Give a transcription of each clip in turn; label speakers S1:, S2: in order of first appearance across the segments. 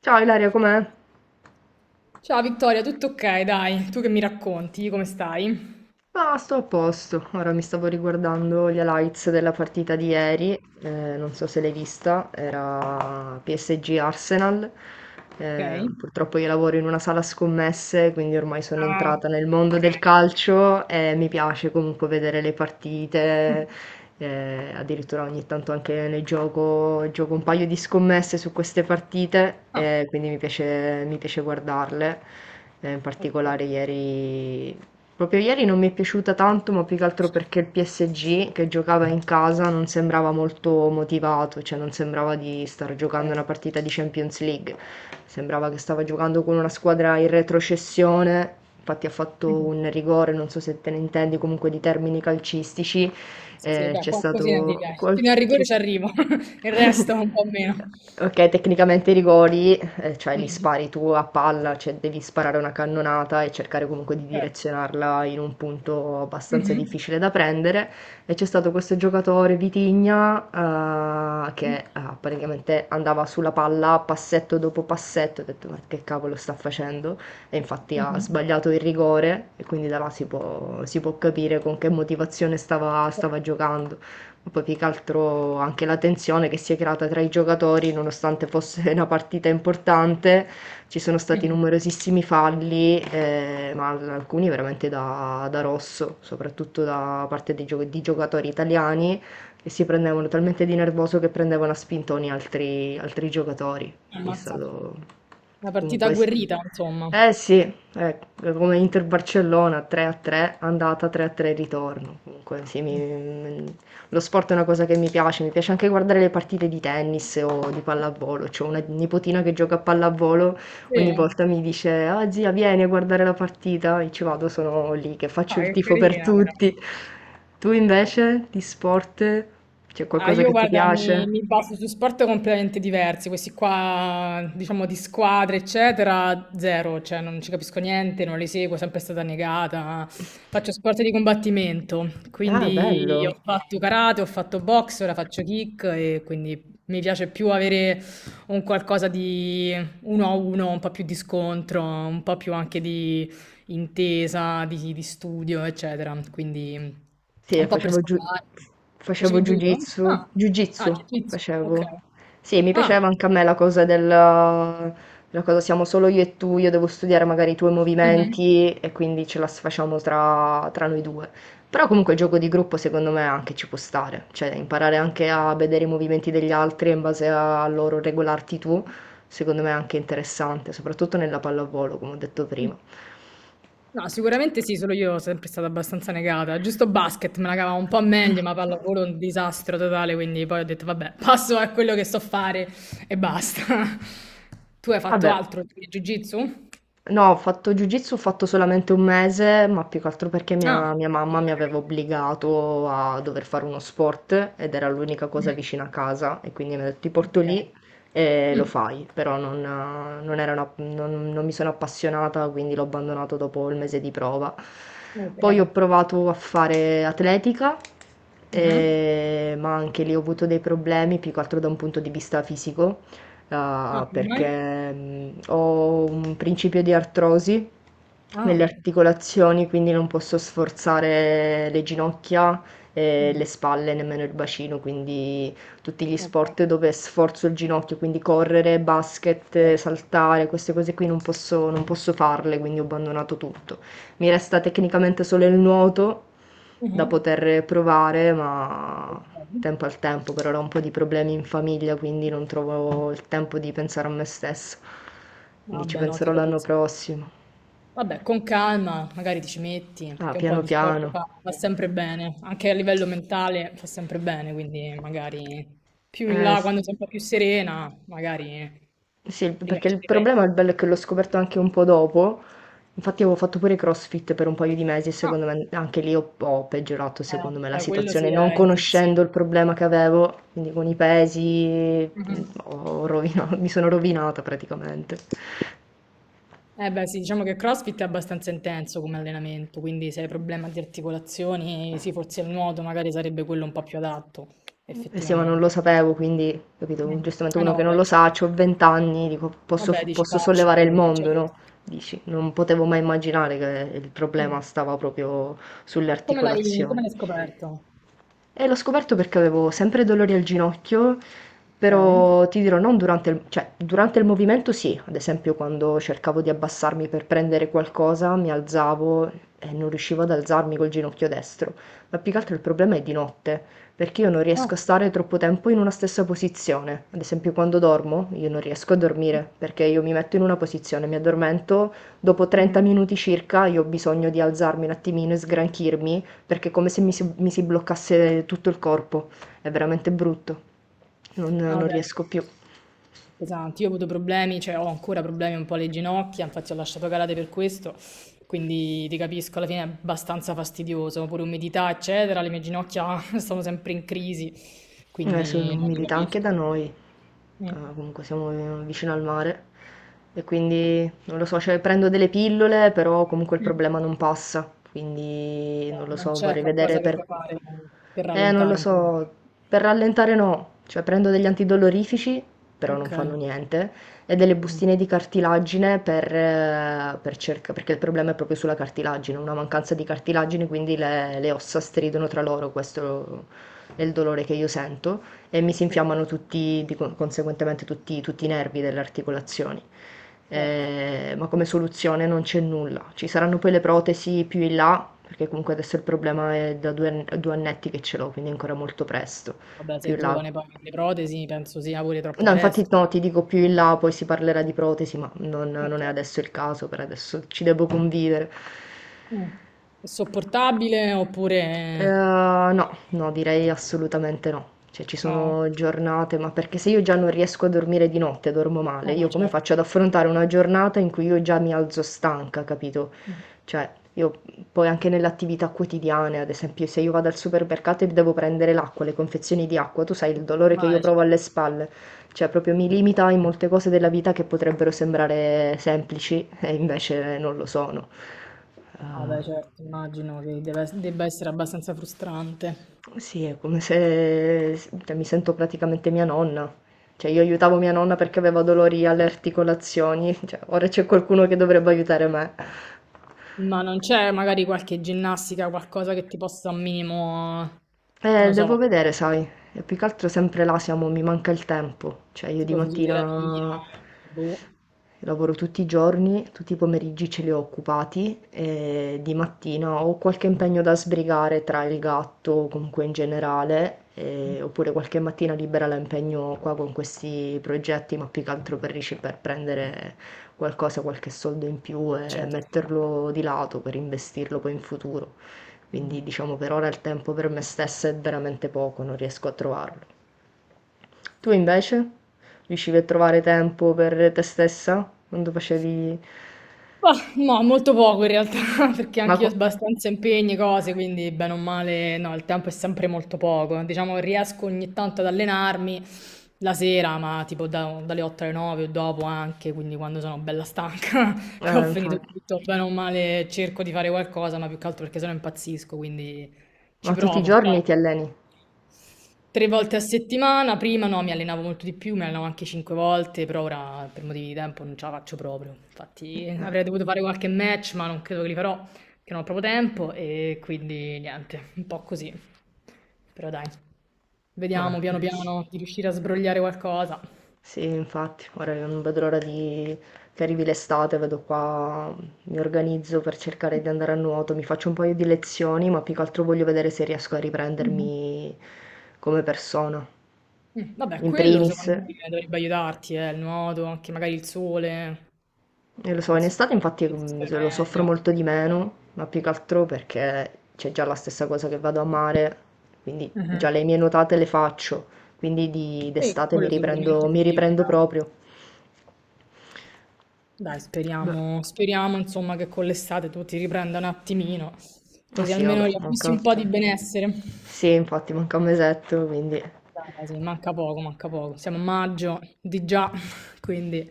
S1: Ciao Ilaria, com'è?
S2: Ciao Vittoria, tutto ok? Dai, tu che mi racconti? Come stai?
S1: Ma sto a posto, ora mi stavo riguardando gli highlights della partita di ieri, non so se l'hai vista, era PSG Arsenal.
S2: Ok.
S1: Purtroppo io lavoro in una sala scommesse, quindi ormai sono
S2: Ah,
S1: entrata nel mondo
S2: ok.
S1: del calcio e mi piace comunque vedere le
S2: Mm.
S1: partite. Addirittura ogni tanto anche ne gioco un paio di scommesse su queste partite,
S2: Ah,
S1: e quindi mi piace guardarle. In
S2: ok,
S1: particolare ieri Proprio ieri non mi è piaciuta tanto, ma più che altro perché il PSG che giocava in casa non sembrava molto motivato, cioè non sembrava di star giocando una
S2: ok.
S1: partita di Champions League. Sembrava che stava giocando con una squadra in retrocessione. Infatti ha fatto
S2: Mhm.
S1: un rigore, non so se te ne intendi comunque di termini calcistici.
S2: Sì, sì, beh,
S1: C'è
S2: qualcosina ti
S1: stato...
S2: piace.
S1: qual-
S2: Fino al
S1: c'è-
S2: rigore ci arrivo, il resto un po' meno.
S1: Ok, tecnicamente i rigori, cioè li
S2: Mhm.
S1: spari tu a palla, cioè devi sparare una cannonata e cercare comunque di
S2: Certo.
S1: direzionarla in un punto abbastanza
S2: Mhm.
S1: difficile da prendere. E c'è stato questo giocatore Vitigna, che praticamente andava sulla palla passetto dopo passetto, ho detto ma che cavolo sta facendo? E infatti ha
S2: Mhm.
S1: sbagliato il rigore e quindi da là si può capire con che motivazione stava,
S2: Certo.
S1: stava giocando. Poi più che altro anche la tensione che si è creata tra i giocatori, nonostante fosse una partita importante, ci sono stati
S2: Mhm.
S1: numerosissimi falli. Alcuni veramente da rosso, soprattutto da parte di giocatori italiani che si prendevano talmente di nervoso che prendevano a spintoni altri giocatori. Quindi è
S2: Ammazza.
S1: stato
S2: Una partita
S1: comunque...
S2: agguerrita, insomma.
S1: Eh sì, eh, come Inter Barcellona 3 a 3, andata 3 a 3 ritorno. Comunque sì,
S2: Mm.
S1: lo sport è una cosa che mi piace anche guardare le partite di tennis o di pallavolo. C'ho una nipotina che gioca a pallavolo,
S2: Sì,
S1: ogni volta mi dice: Ah, zia, vieni a guardare la partita. E ci vado, sono lì che
S2: ah,
S1: faccio il
S2: che
S1: tifo per
S2: carina, però.
S1: tutti. Tu invece di sport c'è
S2: Ah,
S1: qualcosa
S2: io
S1: che ti
S2: guarda,
S1: piace?
S2: mi baso su sport completamente diversi, questi qua, diciamo, di squadre, eccetera, zero, cioè non ci capisco niente, non li seguo, è sempre stata negata. Faccio sport di combattimento,
S1: Ah,
S2: quindi
S1: bello.
S2: ho fatto karate, ho fatto box, ora faccio kick e quindi mi piace più avere un qualcosa di uno a uno, un po' più di scontro, un po' più anche di intesa di studio, eccetera. Quindi
S1: Sì,
S2: un po' per sfogare.
S1: facevo
S2: Facevi judo?
S1: jiu-jitsu,
S2: Ah,
S1: jiu-jitsu
S2: ah, jiu-jitsu, ok.
S1: facevo. Sì, mi
S2: Ah,
S1: piaceva anche a me la cosa la cosa siamo solo io e tu, io devo studiare magari i tuoi
S2: mhm.
S1: movimenti e quindi ce la facciamo tra noi due. Però comunque il gioco di gruppo secondo me anche ci può stare, cioè imparare anche a vedere i movimenti degli altri e in base a loro regolarti tu, secondo me è anche interessante, soprattutto nella pallavolo, come ho detto prima.
S2: No, sicuramente sì, solo io sono sempre stata abbastanza negata. Giusto basket me la cavavo un po' meglio, ma pallavolo è un disastro totale, quindi poi ho detto vabbè, passo a quello che so fare e basta. Tu hai fatto
S1: Vabbè.
S2: altro di jiu-jitsu?
S1: No, ho fatto jiu-jitsu, ho fatto solamente un mese, ma più che altro perché mia,
S2: Ah,
S1: mia mamma mi
S2: ok.
S1: aveva obbligato a dover fare uno sport ed era l'unica cosa
S2: Mm,
S1: vicina a casa e quindi mi ha detto ti porto
S2: ok.
S1: lì e lo
S2: Mm,
S1: fai, però non, non mi sono appassionata, quindi l'ho abbandonato dopo il mese di prova. Poi ho
S2: ok.
S1: provato a fare atletica,
S2: Mhm.
S1: ma anche lì ho avuto dei problemi, più che altro da un punto di vista fisico.
S2: Ah,
S1: Ah,
S2: come mai?
S1: perché ho un principio di artrosi nelle
S2: Ah,
S1: articolazioni, quindi non posso sforzare le ginocchia e
S2: mh.
S1: le spalle, nemmeno il bacino, quindi tutti gli
S2: Okay.
S1: sport dove sforzo il ginocchio, quindi correre,
S2: Eh.
S1: basket, saltare, queste cose qui non posso farle, quindi ho abbandonato tutto. Mi resta tecnicamente solo il nuoto da
S2: Mh-mh.
S1: poter provare, ma
S2: Okay.
S1: tempo al tempo, per ora ho un po' di problemi in famiglia, quindi non trovo il tempo di pensare a me stessa. Quindi ci
S2: Vabbè, no, ti
S1: penserò l'anno
S2: capisco.
S1: prossimo.
S2: Vabbè, con calma, magari ti ci metti,
S1: Ah,
S2: che un po'
S1: piano
S2: di sport
S1: piano.
S2: fa sempre bene, anche a livello mentale fa sempre bene, quindi magari più in
S1: Eh
S2: là,
S1: sì.
S2: quando sei un po' più serena, magari
S1: Sì, il perché
S2: riesci a
S1: il
S2: riprendere.
S1: problema, il bello è che l'ho scoperto anche un po' dopo. Infatti avevo fatto pure CrossFit per un paio di mesi e
S2: Ah,
S1: secondo me anche lì ho peggiorato, secondo me, la
S2: beh, quello
S1: situazione,
S2: sì
S1: non
S2: è
S1: conoscendo il
S2: intensivo.
S1: problema che avevo, quindi con i
S2: Mh.
S1: pesi
S2: Mh-mh.
S1: mi sono rovinata praticamente.
S2: Eh beh, sì, diciamo che CrossFit è abbastanza intenso come allenamento, quindi se hai problema di articolazioni, sì, forse il nuoto magari sarebbe quello un po' più adatto,
S1: Eh sì, ma non
S2: effettivamente.
S1: lo sapevo, quindi, capito,
S2: Mm.
S1: giustamente
S2: Ah
S1: uno
S2: no,
S1: che non
S2: vabbè,
S1: lo
S2: certo.
S1: sa, ho 20 anni, dico, posso,
S2: Vabbè,
S1: f-
S2: dici
S1: posso
S2: faccio
S1: sollevare il
S2: quello che c'è.
S1: mondo, no? Dici, non potevo mai immaginare che il problema
S2: Mm.
S1: stava proprio sulle
S2: Come l'hai come
S1: articolazioni.
S2: l'hai scoperto?
S1: E l'ho scoperto perché avevo sempre dolori al ginocchio,
S2: Ok.
S1: però ti dirò, non durante il, cioè, durante il movimento sì, ad esempio quando cercavo di abbassarmi per prendere qualcosa, mi alzavo e non riuscivo ad alzarmi col ginocchio destro, ma più che altro il problema è di notte, perché io non
S2: Ah,
S1: riesco a
S2: ok.
S1: stare troppo tempo in una stessa posizione. Ad esempio quando dormo, io non riesco a dormire, perché io mi metto in una posizione, mi addormento, dopo 30
S2: Mhm.
S1: minuti circa io ho bisogno di alzarmi un attimino e sgranchirmi perché è come se mi si bloccasse tutto il corpo, è veramente brutto,
S2: Ah
S1: non
S2: vabbè, ti
S1: riesco più.
S2: capisco. Pesanti. Io ho avuto problemi, cioè ho ancora problemi un po' alle ginocchia, infatti ho lasciato calate per questo, quindi ti capisco, alla fine è abbastanza fastidioso, pure umidità, eccetera, le mie ginocchia sono sempre in crisi,
S1: Su
S2: quindi no, ti
S1: umidità anche
S2: capisco.
S1: da noi.
S2: Mm.
S1: Ah, comunque siamo vicino al mare e quindi non lo so, cioè prendo delle pillole, però comunque il
S2: Mm.
S1: problema non passa, quindi
S2: Cioè,
S1: non lo
S2: non
S1: so,
S2: c'è
S1: vorrei
S2: qualcosa
S1: vedere
S2: che
S1: per...
S2: puoi fare per
S1: Non lo
S2: rallentare un po'.
S1: so, per rallentare no, cioè prendo degli antidolorifici, però non
S2: Ok.
S1: fanno niente, e delle
S2: Mm.
S1: bustine di cartilagine per, perché il problema è proprio sulla cartilagine, una mancanza di cartilagine, quindi le ossa stridono tra loro, questo è il dolore che io sento e mi si
S2: Oh,
S1: infiammano tutti, di conseguentemente tutti, i nervi delle articolazioni.
S2: certo.
S1: Ma come soluzione non c'è nulla. Ci saranno poi le protesi più in là, perché comunque adesso il problema è da due annetti che ce l'ho, quindi è ancora molto presto.
S2: Vabbè,
S1: Più
S2: sei
S1: in là.
S2: giovane, poi le protesi penso sia pure troppo
S1: No, infatti
S2: presto.
S1: no, ti dico più in là, poi si parlerà di protesi, ma non
S2: Ok.
S1: è adesso il caso, per adesso ci devo convivere.
S2: Mm. È sopportabile oppure...
S1: No, no, direi assolutamente no. Cioè, ci
S2: No,
S1: sono giornate, ma perché se io già non riesco a dormire di notte, dormo male,
S2: eh no,
S1: io come
S2: certo.
S1: faccio ad affrontare una giornata in cui io già mi alzo stanca, capito?
S2: Mm.
S1: Cioè, io poi anche nelle attività quotidiane, ad esempio, se io vado al supermercato e devo prendere l'acqua, le confezioni di acqua, tu sai il
S2: Ti fa
S1: dolore che io
S2: male,
S1: provo alle
S2: certo.
S1: spalle. Cioè, proprio mi limita in molte cose della vita che potrebbero sembrare semplici e invece non lo sono.
S2: Vabbè,
S1: Eh,
S2: certo, immagino che debba essere abbastanza frustrante.
S1: Sì, è come se s cioè mi sento praticamente mia nonna. Cioè io aiutavo mia nonna perché aveva dolori alle articolazioni, cioè ora c'è qualcuno che dovrebbe aiutare me.
S2: Ma non c'è magari qualche ginnastica, qualcosa che ti possa un minimo, non lo
S1: Devo
S2: so,
S1: vedere, sai, e più che altro sempre là siamo, mi manca il tempo, cioè io di
S2: tipo fisioterapia,
S1: mattina
S2: boh.
S1: lavoro tutti i giorni, tutti i pomeriggi ce li ho occupati e di mattina ho qualche impegno da sbrigare tra il gatto, o comunque in generale, oppure qualche mattina libera la impegno qua con questi progetti, ma più che altro per, per prendere qualcosa, qualche soldo in più e
S2: Certo.
S1: metterlo di lato per investirlo poi in futuro.
S2: Mm.
S1: Quindi diciamo per ora il tempo per me stessa è veramente poco, non riesco a trovarlo. Tu invece? Riuscivi a trovare tempo per te stessa? Quando facevi...
S2: Mah, no, molto poco in realtà, perché
S1: Ma,
S2: anch'io ho
S1: co-
S2: abbastanza impegni, cose, quindi bene o male, no, il tempo è sempre molto poco. Diciamo che riesco ogni tanto ad allenarmi, la sera, ma tipo dalle 8 alle 9 o dopo anche, quindi quando sono bella stanca, che ho finito
S1: Infatti.
S2: tutto bene o male, cerco di fare qualcosa, ma più che altro perché sennò impazzisco, quindi ci
S1: Ma tutti i
S2: provo. Però
S1: giorni ti
S2: ecco,
S1: alleni?
S2: tre volte a settimana, prima no, mi allenavo molto di più, mi allenavo anche cinque volte, però ora per motivi di tempo non ce la faccio proprio. Infatti
S1: Eh,
S2: avrei dovuto fare qualche match, ma non credo che li farò, perché non ho proprio tempo e quindi niente, un po' così. Però dai,
S1: vabbè,
S2: vediamo piano
S1: eh sì.
S2: piano di riuscire a sbrogliare qualcosa.
S1: Sì, infatti, ora io non vedo l'ora di... che arrivi l'estate, vedo qua, mi organizzo per cercare di andare a nuoto, mi faccio un paio di lezioni, ma più che altro voglio vedere se riesco a
S2: Mhm.
S1: riprendermi come persona.
S2: Mm, vabbè,
S1: In
S2: quello
S1: primis.
S2: secondo me dovrebbe aiutarti, il nuoto, anche magari il sole.
S1: Lo so, in
S2: Penso
S1: estate
S2: che
S1: infatti
S2: resistere
S1: lo soffro
S2: meglio.
S1: molto di meno, ma più che altro perché c'è già la stessa cosa che vado a mare, quindi già
S2: Mhm.
S1: le mie nuotate le faccio, quindi
S2: Sì,
S1: d'estate
S2: quello sicuramente
S1: mi
S2: ti
S1: riprendo
S2: aiuta.
S1: proprio.
S2: Dai,
S1: Beh,
S2: speriamo, speriamo insomma che con l'estate tu ti riprenda un attimino,
S1: ah
S2: così
S1: sì, vabbè,
S2: almeno riacquisti
S1: manca...
S2: un po' di benessere.
S1: Sì, infatti manca un mesetto, quindi
S2: Dai, quasi, manca poco, manca poco. Siamo a maggio di già, quindi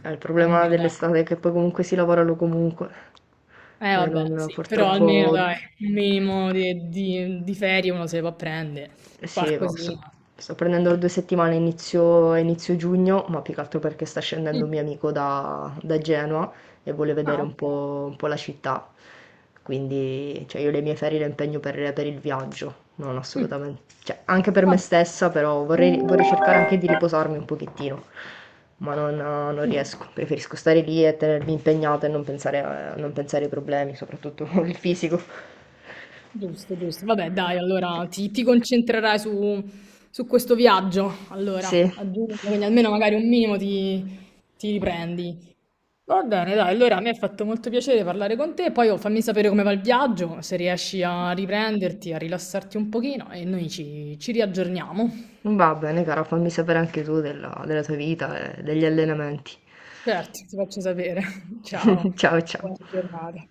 S1: è il problema
S2: almeno dai.
S1: dell'estate è che poi comunque si lavorano comunque
S2: Eh
S1: e non,
S2: vabbè, sì, però
S1: purtroppo.
S2: almeno dai, un minimo di, di ferie uno se le può prendere,
S1: Sì, no,
S2: qualcosina.
S1: sto prendendo 2 settimane inizio giugno, ma più che altro perché sta scendendo
S2: Mm.
S1: un mio amico da Genova e vuole
S2: Ah,
S1: vedere un
S2: ok.
S1: po', un po' la città. Quindi, cioè, io le mie ferie le impegno per il viaggio, non
S2: Mm.
S1: assolutamente. Cioè, anche per me
S2: Vabbè.
S1: stessa, però vorrei cercare anche di riposarmi un pochettino, ma non
S2: Mm.
S1: riesco. Preferisco stare lì e tenermi impegnata e non pensare ai problemi, soprattutto il fisico.
S2: Giusto, giusto. Vabbè, dai, allora ti concentrerai su, questo viaggio, allora,
S1: Sì.
S2: a giugno, quindi almeno magari un minimo ti riprendi. Va bene, dai, allora mi ha fatto molto piacere parlare con te, poi oh, fammi sapere come va il viaggio, se riesci a riprenderti, a rilassarti un pochino e noi ci riaggiorniamo.
S1: Va bene cara, fammi sapere anche tu della tua vita e degli allenamenti.
S2: Certo, ti faccio sapere. Ciao,
S1: Ciao ciao.
S2: buona giornata.